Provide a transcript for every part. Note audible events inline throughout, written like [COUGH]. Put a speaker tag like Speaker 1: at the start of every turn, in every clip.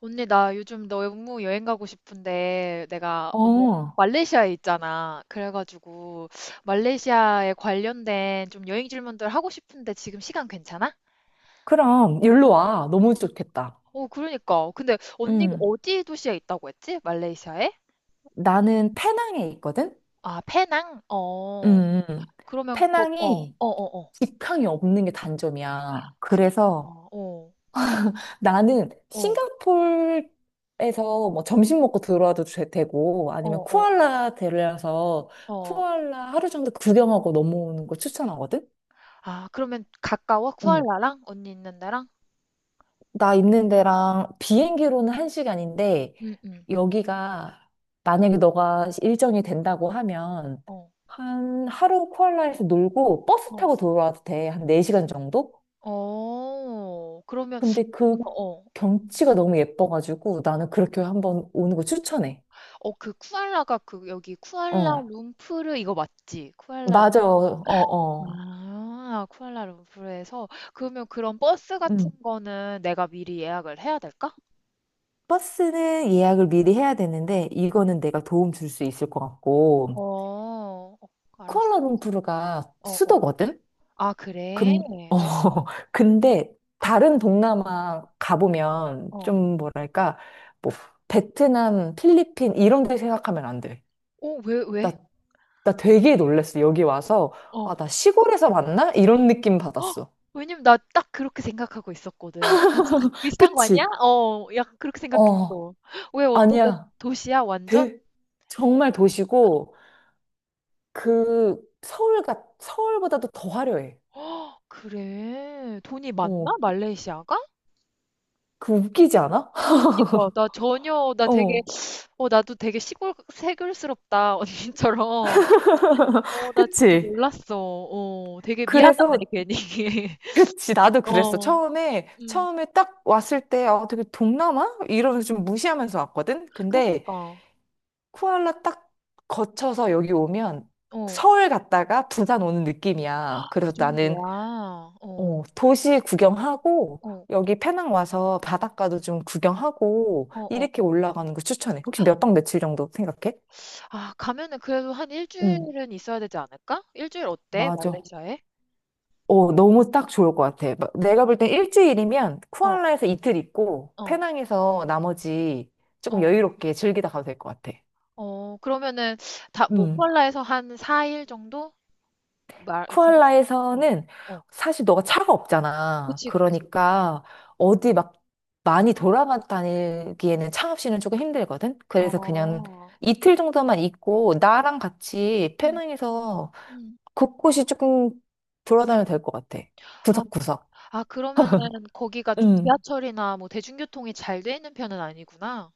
Speaker 1: 언니, 나 요즘 너무 여행 가고 싶은데, 내가 언니
Speaker 2: 어,
Speaker 1: 말레이시아에 있잖아. 그래가지고, 말레이시아에 관련된 좀 여행 질문들 하고 싶은데 지금 시간 괜찮아?
Speaker 2: 그럼 일로 와. 너무 좋겠다.
Speaker 1: 어, 그러니까. 근데 언니가
Speaker 2: 음,
Speaker 1: 어디 도시에 있다고 했지? 말레이시아에?
Speaker 2: 나는 페낭에 있거든?
Speaker 1: 아, 페낭? 어.
Speaker 2: 음, 음.
Speaker 1: 그러면 곧, 어,
Speaker 2: 페낭이
Speaker 1: 어, 어, 어.
Speaker 2: 직항이 없는 게 단점이야.
Speaker 1: 그니까,
Speaker 2: 그래서
Speaker 1: 어,
Speaker 2: 나는
Speaker 1: 어,
Speaker 2: 싱가폴에서 뭐 점심 먹고 들어와도 고
Speaker 1: 어,
Speaker 2: 아니면
Speaker 1: 어,
Speaker 2: 쿠알라 데려와서
Speaker 1: 어.
Speaker 2: 쿠알라 하루 정도 구경하고 넘어오는 거 추천하거든?
Speaker 1: 아, 그러면 가까워? 쿠알라랑? 언니 있는 데랑?
Speaker 2: 나 있는 데랑 비행기로는 한시간인데
Speaker 1: 응, 응.
Speaker 2: 여기가 만약에 너가 일정이 된다고 하면
Speaker 1: 어,
Speaker 2: 한 하루 쿠알라에서 놀고 버스
Speaker 1: 어.
Speaker 2: 타고 돌아와도 돼. 한 4시간 정도?
Speaker 1: 어, 그러면,
Speaker 2: 근데 그
Speaker 1: 뭐, 어.
Speaker 2: 경치가 너무 예뻐가지고 나는 그렇게 한번 오는 거 추천해.
Speaker 1: 어, 그 쿠알라가 그 여기
Speaker 2: 어.
Speaker 1: 쿠알라룸푸르 이거 맞지? 쿠알라룸푸르.
Speaker 2: 맞아. 어, 어.
Speaker 1: 아, 쿠알라룸푸르에서 그러면 그런 버스 같은
Speaker 2: 음.
Speaker 1: 거는 내가 미리 예약을 해야 될까?
Speaker 2: 버스는 예약을 미리 해야 되는데
Speaker 1: 어,
Speaker 2: 이거는 내가 도움 줄 수 있을 것 같고
Speaker 1: 어, 어, 알았습니다.
Speaker 2: 쿠알라룸푸르가
Speaker 1: 어, 어.
Speaker 2: 수도거든?
Speaker 1: 아, 그래?
Speaker 2: 근, 어,
Speaker 1: 어,
Speaker 2: [LAUGHS] 근데 다른 동남아 가보면
Speaker 1: 어.
Speaker 2: 좀 뭐랄까, 뭐, 베트남, 필리핀 이런 데 생각하면 안 돼.
Speaker 1: 어, 왜,
Speaker 2: 나,
Speaker 1: 왜?
Speaker 2: 나 되게 놀랬어. 여기 와서, 아,
Speaker 1: 어.
Speaker 2: 나 시골에서 왔나 이런 느낌
Speaker 1: 헉,
Speaker 2: 받았어.
Speaker 1: 왜냐면 나 딱 그렇게 생각하고 있었거든. 비슷한 거 아니야?
Speaker 2: 그치?
Speaker 1: 어, 약간 그렇게
Speaker 2: 어,
Speaker 1: 생각했어. 왜 어떤 데
Speaker 2: 아니야.
Speaker 1: 도시야, 완전?
Speaker 2: 되, 정말 도시고, 서울보다도 더 화려해.
Speaker 1: 헉, 그래. 돈이 많나?
Speaker 2: 어,
Speaker 1: 말레이시아가?
Speaker 2: 그 웃기지 않아?
Speaker 1: 그러니까 나 전혀
Speaker 2: [LAUGHS]
Speaker 1: 나 되게.
Speaker 2: 어,
Speaker 1: 어, 나도 되게 시골 새글스럽다 [LAUGHS] 언니처럼. 어, 나 진짜
Speaker 2: 그치?
Speaker 1: 몰랐어. 어, 되게 미안하네,
Speaker 2: 그래서
Speaker 1: 괜히. [LAUGHS]
Speaker 2: 그치, 나도 그랬어.
Speaker 1: 어.
Speaker 2: 처음에,
Speaker 1: 음.
Speaker 2: 처음에 딱 왔을 때, 어, 되게 동남아? 이러면서 좀 무시하면서 왔거든? 근데
Speaker 1: 그니까.
Speaker 2: 쿠알라 딱 거쳐서 여기 오면
Speaker 1: 어,
Speaker 2: 서울 갔다가 부산 오는 느낌이야.
Speaker 1: 그
Speaker 2: 그래서
Speaker 1: 정도야?
Speaker 2: 나는,
Speaker 1: 어, 어,
Speaker 2: 도시 구경하고,
Speaker 1: 어,
Speaker 2: 여기 페낭 와서 바닷가도 좀 구경하고,
Speaker 1: 어, 어.
Speaker 2: 이렇게 올라가는 거 추천해. 혹시 몇 박 며칠 정도 생각해?
Speaker 1: 아, 가면은 그래도 한
Speaker 2: 응,
Speaker 1: 일주일은 있어야 되지 않을까? 일주일 어때,
Speaker 2: 맞아.
Speaker 1: 말레이시아에?
Speaker 2: 너무 딱 좋을 것 같아. 막 내가 볼 땐 일주일이면
Speaker 1: 어,
Speaker 2: 쿠알라에서 이틀 있고
Speaker 1: 어,
Speaker 2: 페낭에서 나머지 조금
Speaker 1: 어,
Speaker 2: 여유롭게 즐기다 가도 될 것 같아.
Speaker 1: 어, 그러면은 다
Speaker 2: 음.
Speaker 1: 모콜라에서 한 4일 정도 말 생각. 어,
Speaker 2: 쿠알라에서는
Speaker 1: 어,
Speaker 2: 사실 너가 차가 없잖아.
Speaker 1: 그치, 그치.
Speaker 2: 그러니까 어디 막 많이 돌아다니기에는 차 없이는 조금 힘들거든. 그래서 그냥
Speaker 1: 어.
Speaker 2: 이틀 정도만 있고 나랑 같이
Speaker 1: 음,
Speaker 2: 페낭에서
Speaker 1: 음.
Speaker 2: 곳곳이 조금 돌아다녀도 될 것 같아.
Speaker 1: 아,
Speaker 2: 구석구석.
Speaker 1: 아, 그러면은 거기가 좀
Speaker 2: 음.
Speaker 1: 지하철이나 뭐 대중교통이 잘 돼 있는 편은 아니구나.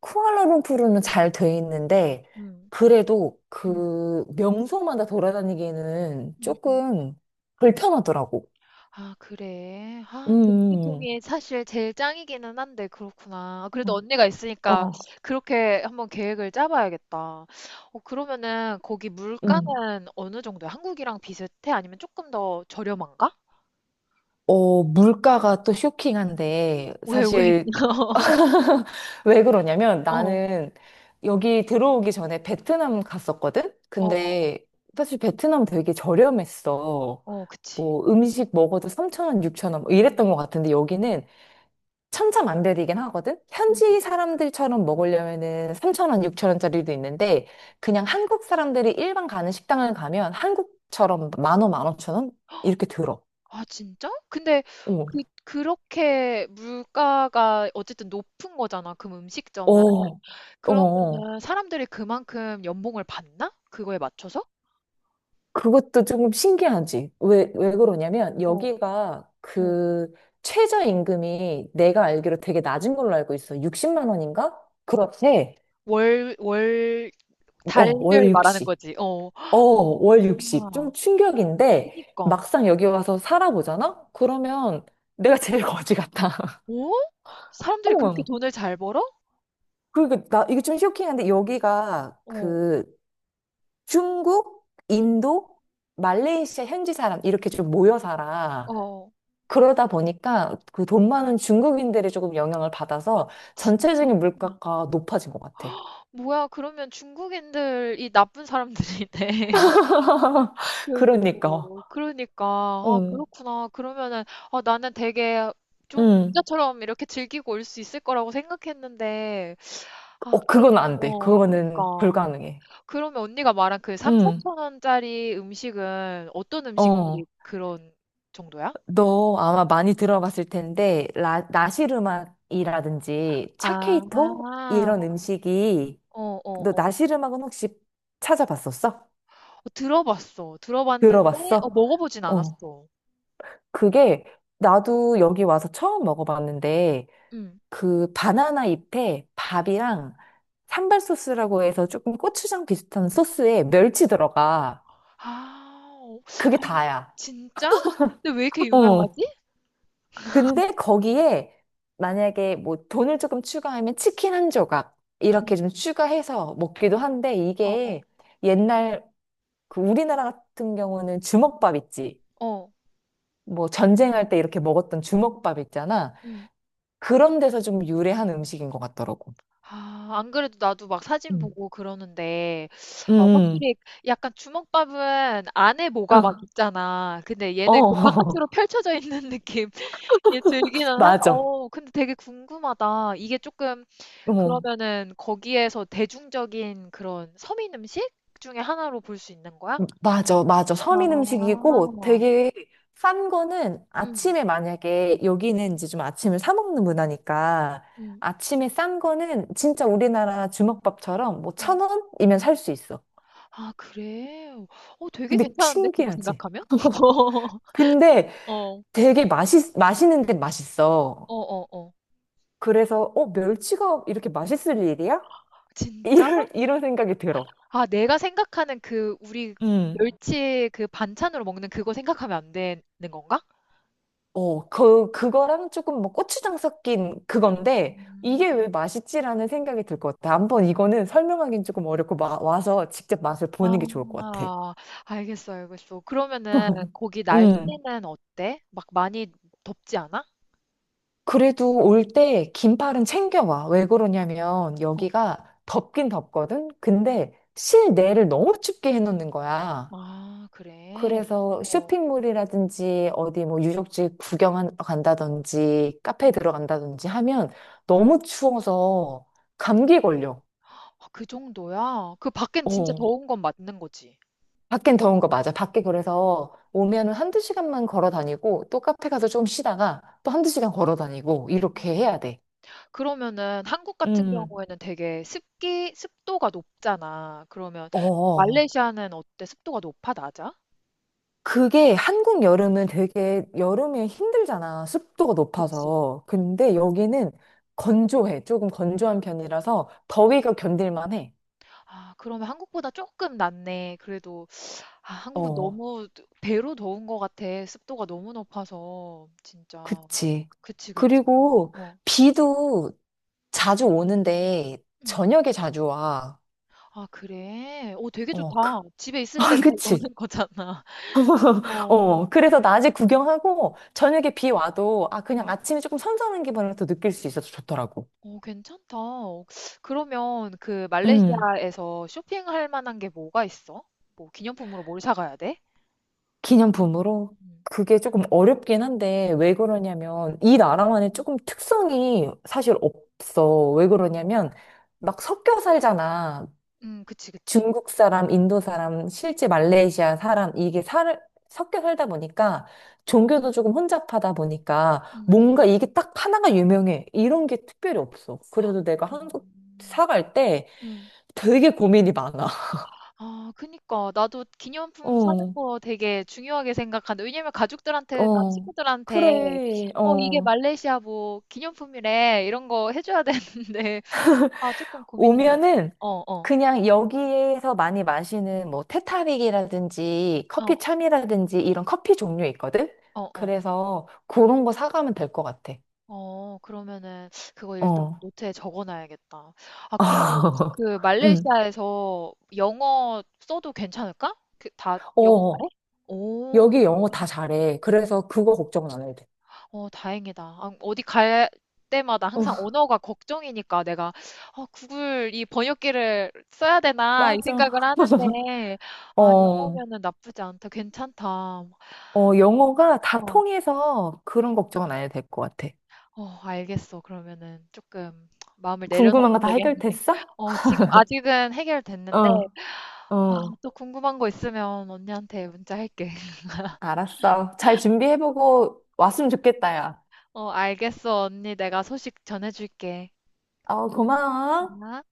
Speaker 2: 쿠알라룸푸르는 잘 돼 있는데,
Speaker 1: 음.
Speaker 2: 그래도
Speaker 1: 음,
Speaker 2: 그 명소마다 돌아다니기에는
Speaker 1: 음, 음.
Speaker 2: 조금 불편하더라고.
Speaker 1: 아, 그래. 아,
Speaker 2: 음,
Speaker 1: 대중교통이 사실 제일 짱이기는 한데, 그렇구나. 아, 그래도
Speaker 2: 음.
Speaker 1: 언니가 있으니까
Speaker 2: 어,
Speaker 1: 그렇게 한번 계획을 짜봐야겠다. 어, 그러면은 거기
Speaker 2: 음.
Speaker 1: 물가는 어느 정도야? 한국이랑 비슷해? 아니면 조금 더 저렴한가?
Speaker 2: 물가가 또 쇼킹한데,
Speaker 1: 왜, 왜?
Speaker 2: 사실.
Speaker 1: [LAUGHS]
Speaker 2: [LAUGHS] 왜 그러냐면
Speaker 1: 어, 어,
Speaker 2: 나는 여기 들어오기 전에 베트남 갔었거든?
Speaker 1: 어, 어,
Speaker 2: 근데 사실 베트남 되게 저렴했어.
Speaker 1: 어, 그치.
Speaker 2: 뭐 음식 먹어도 3천원6천원 뭐 이랬던 것 같은데 여기는 천차만별이긴 하거든? 현지 사람들처럼 먹으려면은 3천원6천원짜리도 있는데, 그냥 한국 사람들이 일반 가는 식당을 가면 한국처럼 10,000원, 15,000원? 이렇게 들어.
Speaker 1: 아 진짜? 근데
Speaker 2: 어,
Speaker 1: 그렇게 물가가 어쨌든 높은 거잖아, 그 음식점은.
Speaker 2: 어, 어.
Speaker 1: 그러면은 사람들이 그만큼 연봉을 받나? 그거에 맞춰서?
Speaker 2: 그것도 조금 신기하지. 왜 그러냐면,
Speaker 1: 어,
Speaker 2: 여기가
Speaker 1: 응.
Speaker 2: 그 최저임금이 내가 알기로 되게 낮은 걸로 알고 있어. 60만 원인가? 그렇대.
Speaker 1: 월,
Speaker 2: 어,
Speaker 1: 달별
Speaker 2: 월
Speaker 1: 말하는
Speaker 2: 60.
Speaker 1: 거지. 어.
Speaker 2: 어, 월 60.
Speaker 1: 아,
Speaker 2: 좀 충격인데,
Speaker 1: 그니까.
Speaker 2: 막상 여기 와서 살아보잖아? 그러면 내가 제일 거지 같아. [LAUGHS]
Speaker 1: 어? 사람들이 그렇게
Speaker 2: 어,
Speaker 1: 돈을 잘 벌어?
Speaker 2: 그리고 이게 좀 쇼킹한데, 여기가
Speaker 1: 어.
Speaker 2: 그 중국,
Speaker 1: 음,
Speaker 2: 인도, 말레이시아 현지 사람, 이렇게 좀 모여 살아.
Speaker 1: 어.
Speaker 2: 그러다 보니까 그 돈 많은 중국인들이 조금 영향을 받아서
Speaker 1: 진짜.
Speaker 2: 전체적인 물가가 높아진 것 같아.
Speaker 1: 뭐야, 그러면 중국인들이 나쁜 사람들이네.
Speaker 2: [LAUGHS] 그러니까.
Speaker 1: 그리고 그러니까 아,
Speaker 2: 응,
Speaker 1: 그렇구나. 그러면은, 아, 나는 되게 좀
Speaker 2: 응.
Speaker 1: 부자처럼 이렇게 즐기고 올 수 있을 거라고 생각했는데. 아
Speaker 2: 어,
Speaker 1: 그러.
Speaker 2: 그건 안 돼.
Speaker 1: 어, 그러니까
Speaker 2: 그거는 불가능해.
Speaker 1: 그러면 언니가 말한 그 3,
Speaker 2: 응,
Speaker 1: 4천 원짜리 음식은 어떤
Speaker 2: 어.
Speaker 1: 음식들이 그런 정도야?
Speaker 2: 너 아마 많이 들어봤을 텐데, 나시르막이라든지
Speaker 1: 아,
Speaker 2: 차케이토? 이런 음식이,
Speaker 1: 어, 어,
Speaker 2: 너
Speaker 1: 어.
Speaker 2: 나시르막은 혹시 찾아봤었어?
Speaker 1: 들어봤어. 들어봤는데 어,
Speaker 2: 들어봤어?
Speaker 1: 먹어보진
Speaker 2: 어,
Speaker 1: 않았어.
Speaker 2: 그게 나도 여기 와서 처음 먹어봤는데,
Speaker 1: 응.
Speaker 2: 그 바나나 잎에 밥이랑 산발 소스라고 해서 조금 고추장 비슷한 소스에 멸치 들어가.
Speaker 1: 아, 어,
Speaker 2: 그게 다야.
Speaker 1: 진짜? 근데 왜 이렇게
Speaker 2: 어.
Speaker 1: 유명하지?
Speaker 2: 근데 거기에 만약에 뭐 돈을 조금 추가하면 치킨 한 조각 이렇게 좀 추가해서 먹기도 한데
Speaker 1: 어,
Speaker 2: 이게
Speaker 1: 어,
Speaker 2: 옛날 그 우리나라 같은 경우는 주먹밥 있지.
Speaker 1: 어.
Speaker 2: 뭐 전쟁할 때 이렇게 먹었던 주먹밥 있잖아.
Speaker 1: 응.
Speaker 2: 그런 데서 좀 유래한 음식인 것 같더라고.
Speaker 1: 아, 안 그래도 나도 막 사진
Speaker 2: 음.
Speaker 1: 보고 그러는데 어,
Speaker 2: 음.
Speaker 1: 확실히 약간 주먹밥은 안에 뭐가 막
Speaker 2: 음.
Speaker 1: 있잖아. 근데
Speaker 2: 어,
Speaker 1: 얘는 그
Speaker 2: 어.
Speaker 1: 바깥으로
Speaker 2: [LAUGHS]
Speaker 1: 펼쳐져 있는 [LAUGHS] 느낌 들기는 한.
Speaker 2: 맞아.
Speaker 1: 어, 근데 되게 궁금하다. 이게 조금.
Speaker 2: 어.
Speaker 1: 그러면은 거기에서 대중적인 그런 서민 음식 중에 하나로 볼 수 있는 거야?
Speaker 2: 맞아, 맞아. 서민
Speaker 1: 아.
Speaker 2: 음식이고 되게 싼 거는
Speaker 1: 음.
Speaker 2: 아침에 만약에 여기는 이제 좀 아침을 사 먹는 문화니까
Speaker 1: 음.
Speaker 2: 아침에 싼 거는 진짜 우리나라 주먹밥처럼 뭐
Speaker 1: 음.
Speaker 2: 천 원이면 살 수 있어.
Speaker 1: 아, 그래? 어, 되게
Speaker 2: 근데
Speaker 1: 괜찮은데 그거
Speaker 2: 신기하지?
Speaker 1: 생각하면? [LAUGHS]
Speaker 2: 근데
Speaker 1: 어.
Speaker 2: 되게 맛있는 데 맛있어.
Speaker 1: 어어어.
Speaker 2: 그래서 멸치가 이렇게 맛있을 일이야?
Speaker 1: 진짜?
Speaker 2: 이런 생각이 들어.
Speaker 1: 아, 내가 생각하는 그 우리 멸치, 그 반찬으로 먹는 그거 생각하면 안 되는 건가?
Speaker 2: 그거랑 조금 뭐 고추장 섞인 그건데,
Speaker 1: 음.
Speaker 2: 이게 왜 맛있지라는 생각이 들 것 같아. 한번 이거는 설명하기는 조금 어렵고, 와서 직접 맛을 보는 게 좋을 것 같아.
Speaker 1: 아, 알겠어, 알겠어. 그러면은 거기
Speaker 2: 음.
Speaker 1: 날씨는 어때? 막 많이 덥지 않아?
Speaker 2: 그래도 올 때 긴팔은 챙겨와. 왜 그러냐면,
Speaker 1: 어.
Speaker 2: 여기가 덥긴 덥거든? 근데 실내를 너무 춥게 해놓는 거야.
Speaker 1: 아, 그래.
Speaker 2: 그래서
Speaker 1: 어.
Speaker 2: 쇼핑몰이라든지, 어디 뭐 유적지 구경 간다든지, 카페에
Speaker 1: 음.
Speaker 2: 들어간다든지 하면 너무 추워서 감기 걸려.
Speaker 1: 아, 그 정도야? 그 밖엔 진짜
Speaker 2: 어,
Speaker 1: 더운 건 맞는 거지.
Speaker 2: 밖엔 더운 거 맞아. 밖에 그래서 오면은 한두 시간만 걸어 다니고 또 카페 가서 좀 쉬다가 또 한두 시간 걸어 다니고
Speaker 1: 음.
Speaker 2: 이렇게 해야 돼.
Speaker 1: 그러면은 한국 같은
Speaker 2: 음.
Speaker 1: 경우에는 되게 습기, 습도가 높잖아. 그러면
Speaker 2: 어.
Speaker 1: 말레이시아는 어때? 습도가 높아, 낮아?
Speaker 2: 그게 한국 여름은 되게 여름에 힘들잖아. 습도가
Speaker 1: 그치.
Speaker 2: 높아서.
Speaker 1: 음.
Speaker 2: 근데 여기는 건조해. 조금 건조한 편이라서 더위가 견딜만 해.
Speaker 1: 아, 그러면 한국보다 조금 낫네. 그래도, 아, 한국은
Speaker 2: 어,
Speaker 1: 너무 배로 더운 것 같아. 습도가 너무 높아서. 진짜.
Speaker 2: 그치.
Speaker 1: 그치, 그치.
Speaker 2: 그리고
Speaker 1: 뭐.
Speaker 2: 비도 자주 오는데
Speaker 1: 음.
Speaker 2: 저녁에 자주 와.
Speaker 1: 아, 그래? 오, 되게 좋다.
Speaker 2: 어,
Speaker 1: 집에
Speaker 2: [LAUGHS]
Speaker 1: 있을 때
Speaker 2: 어,
Speaker 1: 다 넣
Speaker 2: 그치.
Speaker 1: 는 거잖아. [LAUGHS]
Speaker 2: [LAUGHS]
Speaker 1: 어.
Speaker 2: 그래서 낮에 구경하고 저녁에 비 와도 아, 그냥
Speaker 1: 음.
Speaker 2: 아침에 조금 선선한 기분을 또 느낄 수 있어서 좋더라고.
Speaker 1: 어, 괜찮다. 그러면 그
Speaker 2: 음,
Speaker 1: 말레이시아에서 쇼핑할 만한 게 뭐가 있어? 뭐 기념품으로 뭘 사가야 돼?
Speaker 2: 기념품으로
Speaker 1: 음,
Speaker 2: 그게 조금 어렵긴 한데 왜 그러냐면 이 나라만의 조금 특성이 사실 없어. 왜
Speaker 1: 어.
Speaker 2: 그러냐면 막 섞여 살잖아.
Speaker 1: 그치, 그치.
Speaker 2: 중국 사람, 인도 사람, 실제 말레이시아 사람, 섞여 살다 보니까 종교도 조금 혼잡하다 보니까
Speaker 1: 음.
Speaker 2: 뭔가 이게 딱 하나가 유명해. 이런 게 특별히 없어. 그래도 내가 한국
Speaker 1: 음.
Speaker 2: 사갈 때
Speaker 1: 음.
Speaker 2: 되게 고민이 많아. [LAUGHS]
Speaker 1: 아, 그니까. 나도 기념품 사는
Speaker 2: 어,
Speaker 1: 거 되게 중요하게 생각한다. 왜냐면 가족들한테 나
Speaker 2: 어,
Speaker 1: 친구들한테
Speaker 2: 그래,
Speaker 1: "어, 이게
Speaker 2: 어.
Speaker 1: 말레이시아 뭐 기념품이래." 이런 거 해 줘야 되는데. [LAUGHS] 아, 조금 고민해야겠네.
Speaker 2: 오면은
Speaker 1: 어, 어. 어.
Speaker 2: 그냥 여기에서 많이 마시는 뭐 테타릭이라든지
Speaker 1: 어,
Speaker 2: 커피
Speaker 1: 어.
Speaker 2: 참이라든지 이런 커피 종류 있거든?
Speaker 1: 어, 어.
Speaker 2: 그래서 그런 거 사가면 될 것 같아.
Speaker 1: 어, 어, 그러면은 그거 일단
Speaker 2: 어.
Speaker 1: 노트에 적어 놔야겠다. 아, 그리고
Speaker 2: 아. [LAUGHS]
Speaker 1: 그
Speaker 2: 응.
Speaker 1: 말레이시아에서 영어 써도 괜찮을까? 그 다 영어
Speaker 2: 어,
Speaker 1: 잘해? 오.
Speaker 2: 여기 영어 다
Speaker 1: 그래.
Speaker 2: 잘해. 그래서 그거 걱정은 안 해도 돼.
Speaker 1: 어, 다행이다. 아, 어디 갈 때마다 항상
Speaker 2: 어,
Speaker 1: 언어가 걱정이니까 내가 어, 구글 이 번역기를 써야 되나 이
Speaker 2: 맞아.
Speaker 1: 생각을
Speaker 2: [LAUGHS]
Speaker 1: 하는데. 아,
Speaker 2: 어,
Speaker 1: 영어면은 나쁘지 않다. 괜찮다.
Speaker 2: 어, 영어가 다
Speaker 1: 어,
Speaker 2: 통해서 그런 걱정은 안 해도 될 것 같아.
Speaker 1: 어, 알겠어. 그러면은 조금 마음을
Speaker 2: 궁금한
Speaker 1: 내려놔도
Speaker 2: 거 다
Speaker 1: 되겠네.
Speaker 2: 해결됐어?
Speaker 1: 어, 지금 아직은 해결됐는데.
Speaker 2: 어,
Speaker 1: 아,
Speaker 2: 어.
Speaker 1: 또 궁금한 거 있으면 언니한테 문자할게. [LAUGHS]
Speaker 2: 알았어. 잘 준비해보고 왔으면 좋겠다, 야.
Speaker 1: 어, 알겠어, 언니. 내가 소식 전해줄게.
Speaker 2: 어, 고마워.
Speaker 1: 아.